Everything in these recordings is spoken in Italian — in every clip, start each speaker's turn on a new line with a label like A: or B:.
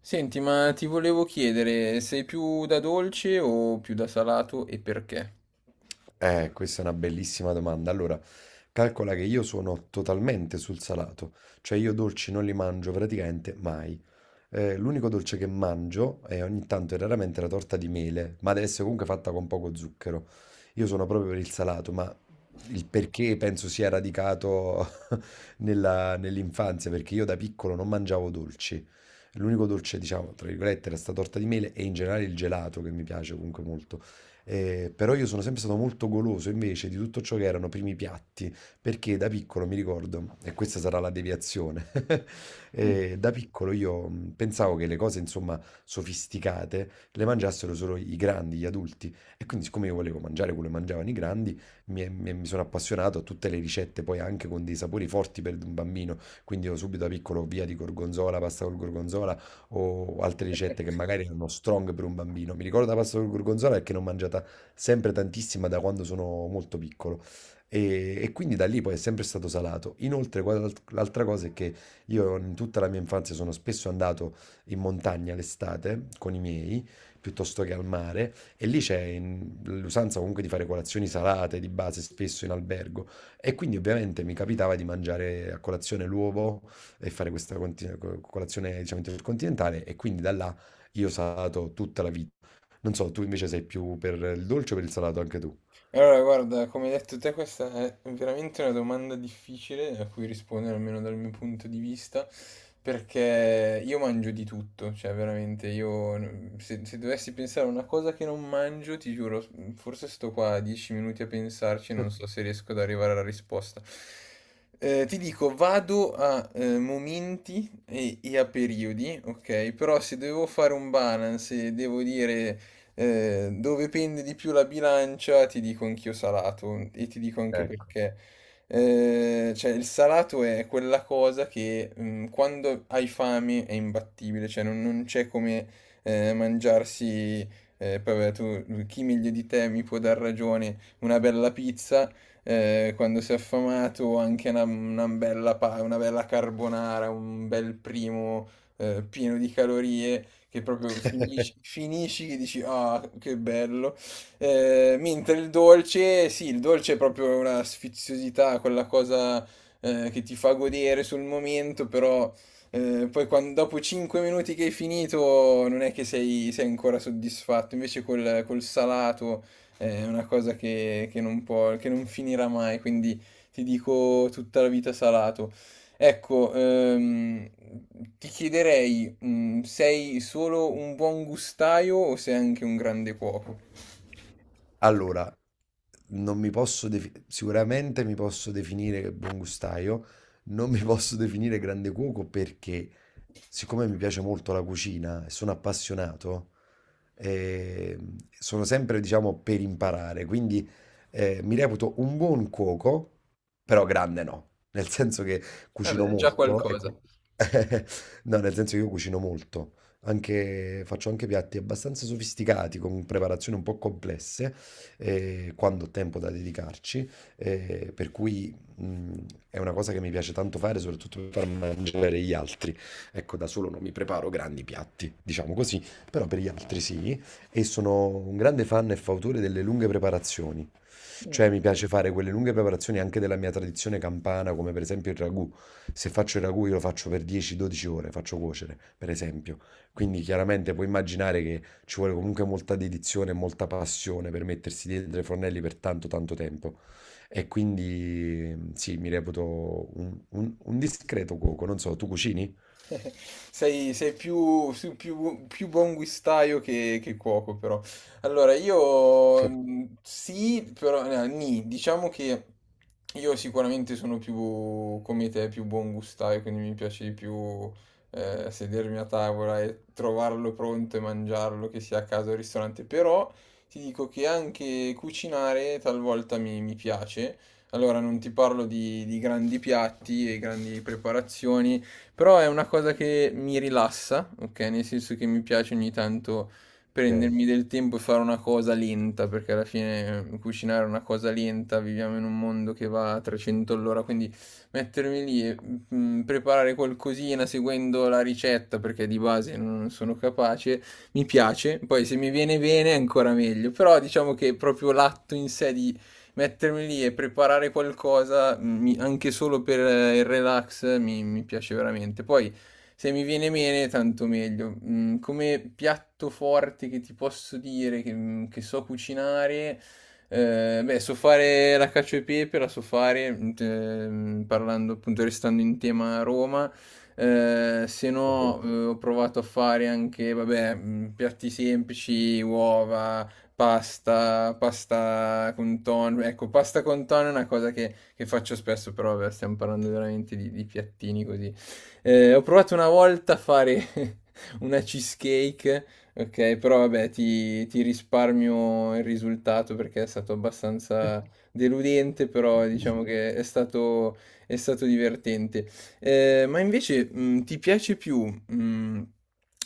A: Senti, ma ti volevo chiedere, sei più da dolce o più da salato e perché?
B: Questa è una bellissima domanda. Allora, calcola che io sono totalmente sul salato, cioè io dolci non li mangio praticamente mai. L'unico dolce che mangio è ogni tanto e raramente la torta di mele, ma deve essere comunque fatta con poco zucchero. Io sono proprio per il salato, ma il perché penso sia radicato nell'infanzia, perché io da piccolo non mangiavo dolci. L'unico dolce, diciamo, tra virgolette, era sta torta di mele e in generale il gelato che mi piace comunque molto. Però io sono sempre stato molto goloso invece di tutto ciò che erano primi piatti, perché da piccolo mi ricordo, e questa sarà la deviazione, da piccolo io pensavo che le cose, insomma, sofisticate le mangiassero solo i grandi, gli adulti. E quindi, siccome io volevo mangiare quello che mangiavano i grandi, mi sono appassionato a tutte le ricette, poi anche con dei sapori forti per un bambino. Quindi io subito da piccolo via di gorgonzola, pasta col gorgonzola o altre ricette che magari erano strong per un bambino. Mi ricordo la pasta col gorgonzola perché l'ho mangiata sempre tantissima da quando sono molto piccolo. E quindi da lì poi è sempre stato salato. Inoltre, guarda l'altra cosa è che io in tutta la mia infanzia sono spesso andato in montagna l'estate con i miei, piuttosto che al mare, e lì c'è l'usanza comunque di fare colazioni salate di base spesso in albergo e quindi ovviamente mi capitava di mangiare a colazione l'uovo e fare questa colazione diciamo intercontinentale e quindi da là io ho salato tutta la vita. Non so, tu invece sei più per il dolce o per il salato anche tu?
A: Allora, guarda, come hai detto te, questa è veramente una domanda difficile a cui rispondere, almeno dal mio punto di vista, perché io mangio di tutto, cioè veramente io, se dovessi pensare a una cosa che non mangio, ti giuro, forse sto qua dieci minuti a pensarci e non so se riesco ad arrivare alla risposta. Ti dico, vado a momenti e a periodi, ok? Però se devo fare un balance e devo dire dove pende di più la bilancia, ti dico anch'io salato e ti dico anche
B: Ecco.
A: perché. Cioè, il salato è quella cosa che quando hai fame è imbattibile, cioè non c'è come mangiarsi, poi vabbè, tu, chi meglio di te mi può dar ragione, una bella pizza. Quando sei affamato, anche una bella, una bella carbonara, un bel primo pieno di calorie, che proprio finisci che dici ah, che bello. Mentre il dolce, sì, il dolce è proprio una sfiziosità, quella cosa che ti fa godere sul momento, però poi dopo 5 minuti che hai finito non è che sei ancora soddisfatto, invece col salato è una cosa che non può, che non finirà mai, quindi ti dico tutta la vita salato. Ecco, ti chiederei, sei solo un buon gustaio o sei anche un grande cuoco?
B: Allora, non mi posso defi- sicuramente mi posso definire buon gustaio, non mi posso definire grande cuoco perché siccome mi piace molto la cucina e sono appassionato, eh, sono sempre, diciamo, per imparare, quindi mi reputo un buon cuoco, però grande no, nel senso che cucino
A: Vabbè, già
B: molto.
A: qualcosa.
B: No, nel senso che io cucino molto, anche, faccio anche piatti abbastanza sofisticati, con preparazioni un po' complesse, quando ho tempo da dedicarci, per cui è una cosa che mi piace tanto fare, soprattutto per far mangiare gli altri. Ecco, da solo non mi preparo grandi piatti, diciamo così, però per gli altri sì, e sono un grande fan e fautore delle lunghe preparazioni. Cioè mi piace fare quelle lunghe preparazioni anche della mia tradizione campana, come per esempio il ragù. Se faccio il ragù io lo faccio per 10-12 ore, faccio cuocere, per esempio. Quindi chiaramente puoi immaginare che ci vuole comunque molta dedizione e molta passione per mettersi dietro ai fornelli per tanto tanto tempo. E quindi sì, mi reputo un discreto cuoco. Non so, tu cucini?
A: Sei più buon guistaio che cuoco, però. Allora, io
B: Sì.
A: sì, però no, nì, diciamo che io sicuramente sono più come te, più buon gustaio, quindi mi piace di più sedermi a tavola e trovarlo pronto e mangiarlo, che sia a casa o al ristorante. Però ti dico che anche cucinare talvolta mi piace. Allora, non ti parlo di grandi piatti e grandi preparazioni. Però è una cosa che mi rilassa, ok? Nel senso che mi piace ogni tanto
B: Ok,
A: prendermi del tempo e fare una cosa lenta, perché alla fine cucinare è una cosa lenta, viviamo in un mondo che va a 300 all'ora, quindi mettermi lì e preparare qualcosina seguendo la ricetta, perché di base non sono capace, mi piace. Poi se mi viene bene è ancora meglio, però diciamo che proprio l'atto in sé di mettermi lì e preparare qualcosa, anche solo per il relax, mi piace veramente. Poi, se mi viene bene, tanto meglio. Come piatto forte che ti posso dire, che so cucinare, beh, so fare la cacio e pepe, la so fare, parlando appunto, restando in tema Roma. Se
B: ok.
A: no, ho provato a fare anche, vabbè, piatti semplici, uova, pasta, pasta con tonno. Ecco, pasta con tonno è una cosa che faccio spesso, però vabbè, stiamo parlando veramente di piattini così. Ho provato una volta a fare una cheesecake, ok, però vabbè, ti risparmio il risultato perché è stato abbastanza deludente, però diciamo che è stato divertente. Ma invece, ti piace più, mh,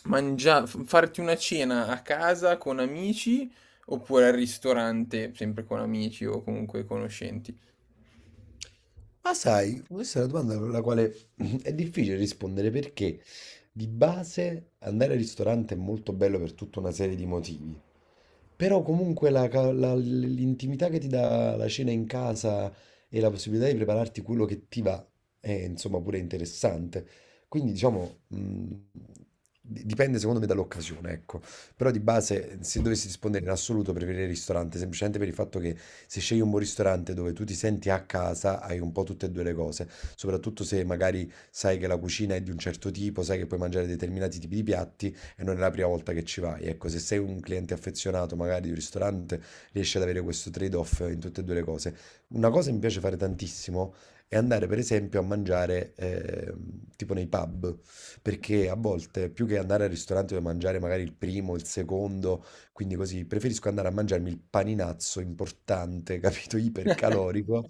A: mangia- f- farti una cena a casa con amici oppure al ristorante, sempre con amici o comunque conoscenti.
B: Ma sai, questa è una domanda con la quale è difficile rispondere perché di base andare al ristorante è molto bello per tutta una serie di motivi. Però comunque l'intimità che ti dà la cena in casa e la possibilità di prepararti quello che ti va è insomma pure interessante. Quindi diciamo, dipende secondo me dall'occasione, ecco. Però di base, se dovessi rispondere in assoluto, preferirei il ristorante, semplicemente per il fatto che se scegli un buon ristorante dove tu ti senti a casa, hai un po' tutte e due le cose. Soprattutto se magari sai che la cucina è di un certo tipo, sai che puoi mangiare determinati tipi di piatti e non è la prima volta che ci vai. Ecco, se sei un cliente affezionato magari di un ristorante, riesci ad avere questo trade-off in tutte e due le cose. Una cosa che mi piace fare tantissimo è andare per esempio a mangiare tipo nei pub, perché a volte più che andare al ristorante dove mangiare magari il primo, il secondo, quindi così, preferisco andare a mangiarmi il paninazzo importante, capito, ipercalorico,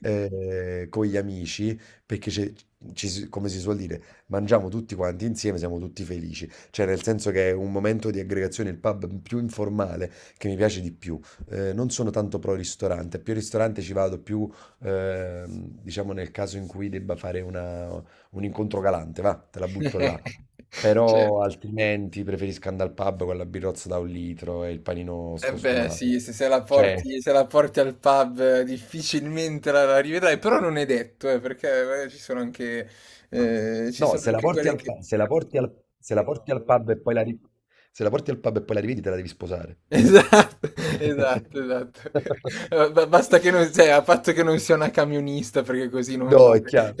B: con gli amici, perché come si suol dire, mangiamo tutti quanti insieme, siamo tutti felici. Cioè, nel senso che è un momento di aggregazione, il pub più informale che mi piace di più. Non sono tanto pro ristorante, più ristorante ci vado più, diciamo, nel caso in cui debba fare un incontro galante, va, te la butto là.
A: Certo.
B: Però altrimenti preferisco andare al pub con la birrozza da 1 litro e il panino
A: Eh beh,
B: scostumato.
A: sì, se la
B: Cioè,
A: porti, se la porti al pub difficilmente la rivedrai, però non è detto, perché ci
B: no,
A: sono
B: se la
A: anche
B: porti
A: quelle
B: al,
A: che...
B: pa- se la porti al, se la porti al pub e poi la ri- se la porti al pub e poi la rivedi, te la devi sposare.
A: Esatto, esatto, esatto. Ba ba Basta che non cioè, a patto che non sia una camionista perché così non
B: No, è
A: vale.
B: chiaro.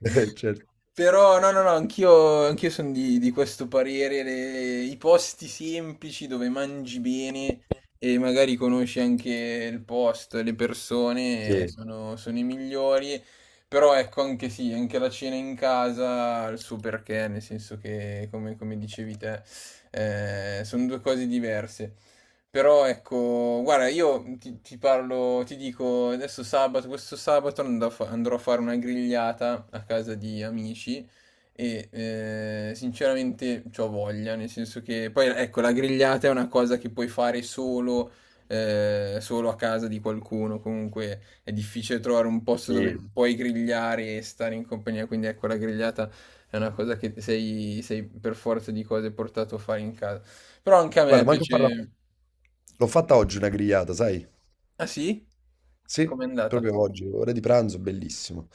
B: Certo.
A: Però no, no, no, anch'io sono di questo parere, i posti semplici dove mangi bene e magari conosci anche il posto, le persone,
B: Sì,
A: sono i migliori. Però ecco, anche sì, anche la cena in casa ha il suo perché, nel senso che, come come dicevi te sono due cose diverse. Però ecco, guarda, io ti parlo, ti dico, adesso sabato, questo sabato andrò a fare una grigliata a casa di amici e sinceramente c'ho voglia, nel senso che poi ecco, la grigliata è una cosa che puoi fare solo, solo a casa di qualcuno, comunque è difficile trovare un posto dove
B: sì.
A: puoi grigliare e stare in compagnia, quindi ecco, la grigliata è una cosa che sei, sei per forza di cose portato a fare in casa. Però anche a
B: Guarda,
A: me
B: manco a farla
A: piace.
B: l'ho fatta oggi una grigliata, sai?
A: Ah sì?
B: Sì,
A: Com'è andata?
B: proprio oggi, ora di pranzo, bellissimo.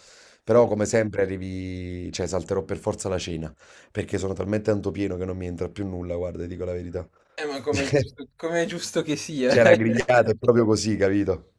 B: Però
A: Sì.
B: come sempre arrivi, cioè salterò per forza la cena, perché sono talmente tanto pieno che non mi entra più nulla, guarda, ti dico la verità.
A: Ma come è giusto che sia.
B: C'è la grigliata, è proprio così, capito?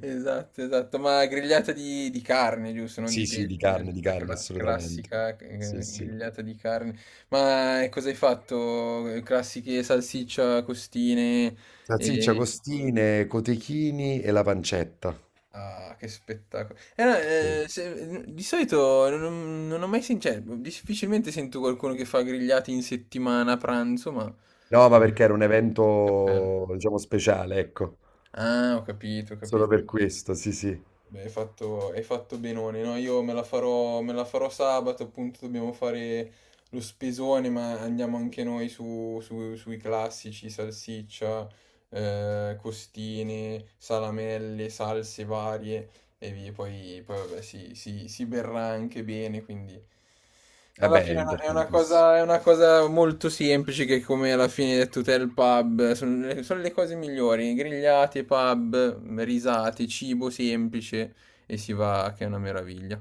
A: Esatto, esatto. Ma grigliata di carne, giusto? Non
B: Sì,
A: di
B: sì,
A: pesce.
B: di carne, assolutamente.
A: Classica
B: Sì, sì.
A: grigliata di carne. Ma cosa hai fatto? Classiche salsiccia, costine.
B: Salsiccia,
A: E...
B: costine, cotechini e la pancetta.
A: Ah, che spettacolo.
B: Sì.
A: Di solito non ho mai sentito, cioè, difficilmente sento qualcuno che fa grigliati in settimana a pranzo, ma...
B: No, ma perché era un
A: Cappello.
B: evento, diciamo, speciale, ecco.
A: Ah, ho capito, ho
B: Solo
A: capito.
B: per questo, sì, sì.
A: Beh, hai fatto benone, no? Io me la farò sabato, appunto, dobbiamo fare lo spesone, ma andiamo anche noi sui classici, salsiccia, costine, salamelle, salse varie e via. Poi, poi vabbè, si berrà anche bene, quindi alla
B: Vabbè, è
A: fine è una,
B: importantissimo.
A: è una cosa molto semplice che come alla fine hai detto te il pub, sono le cose migliori, grigliate, pub, risate, cibo semplice e si va che è una meraviglia.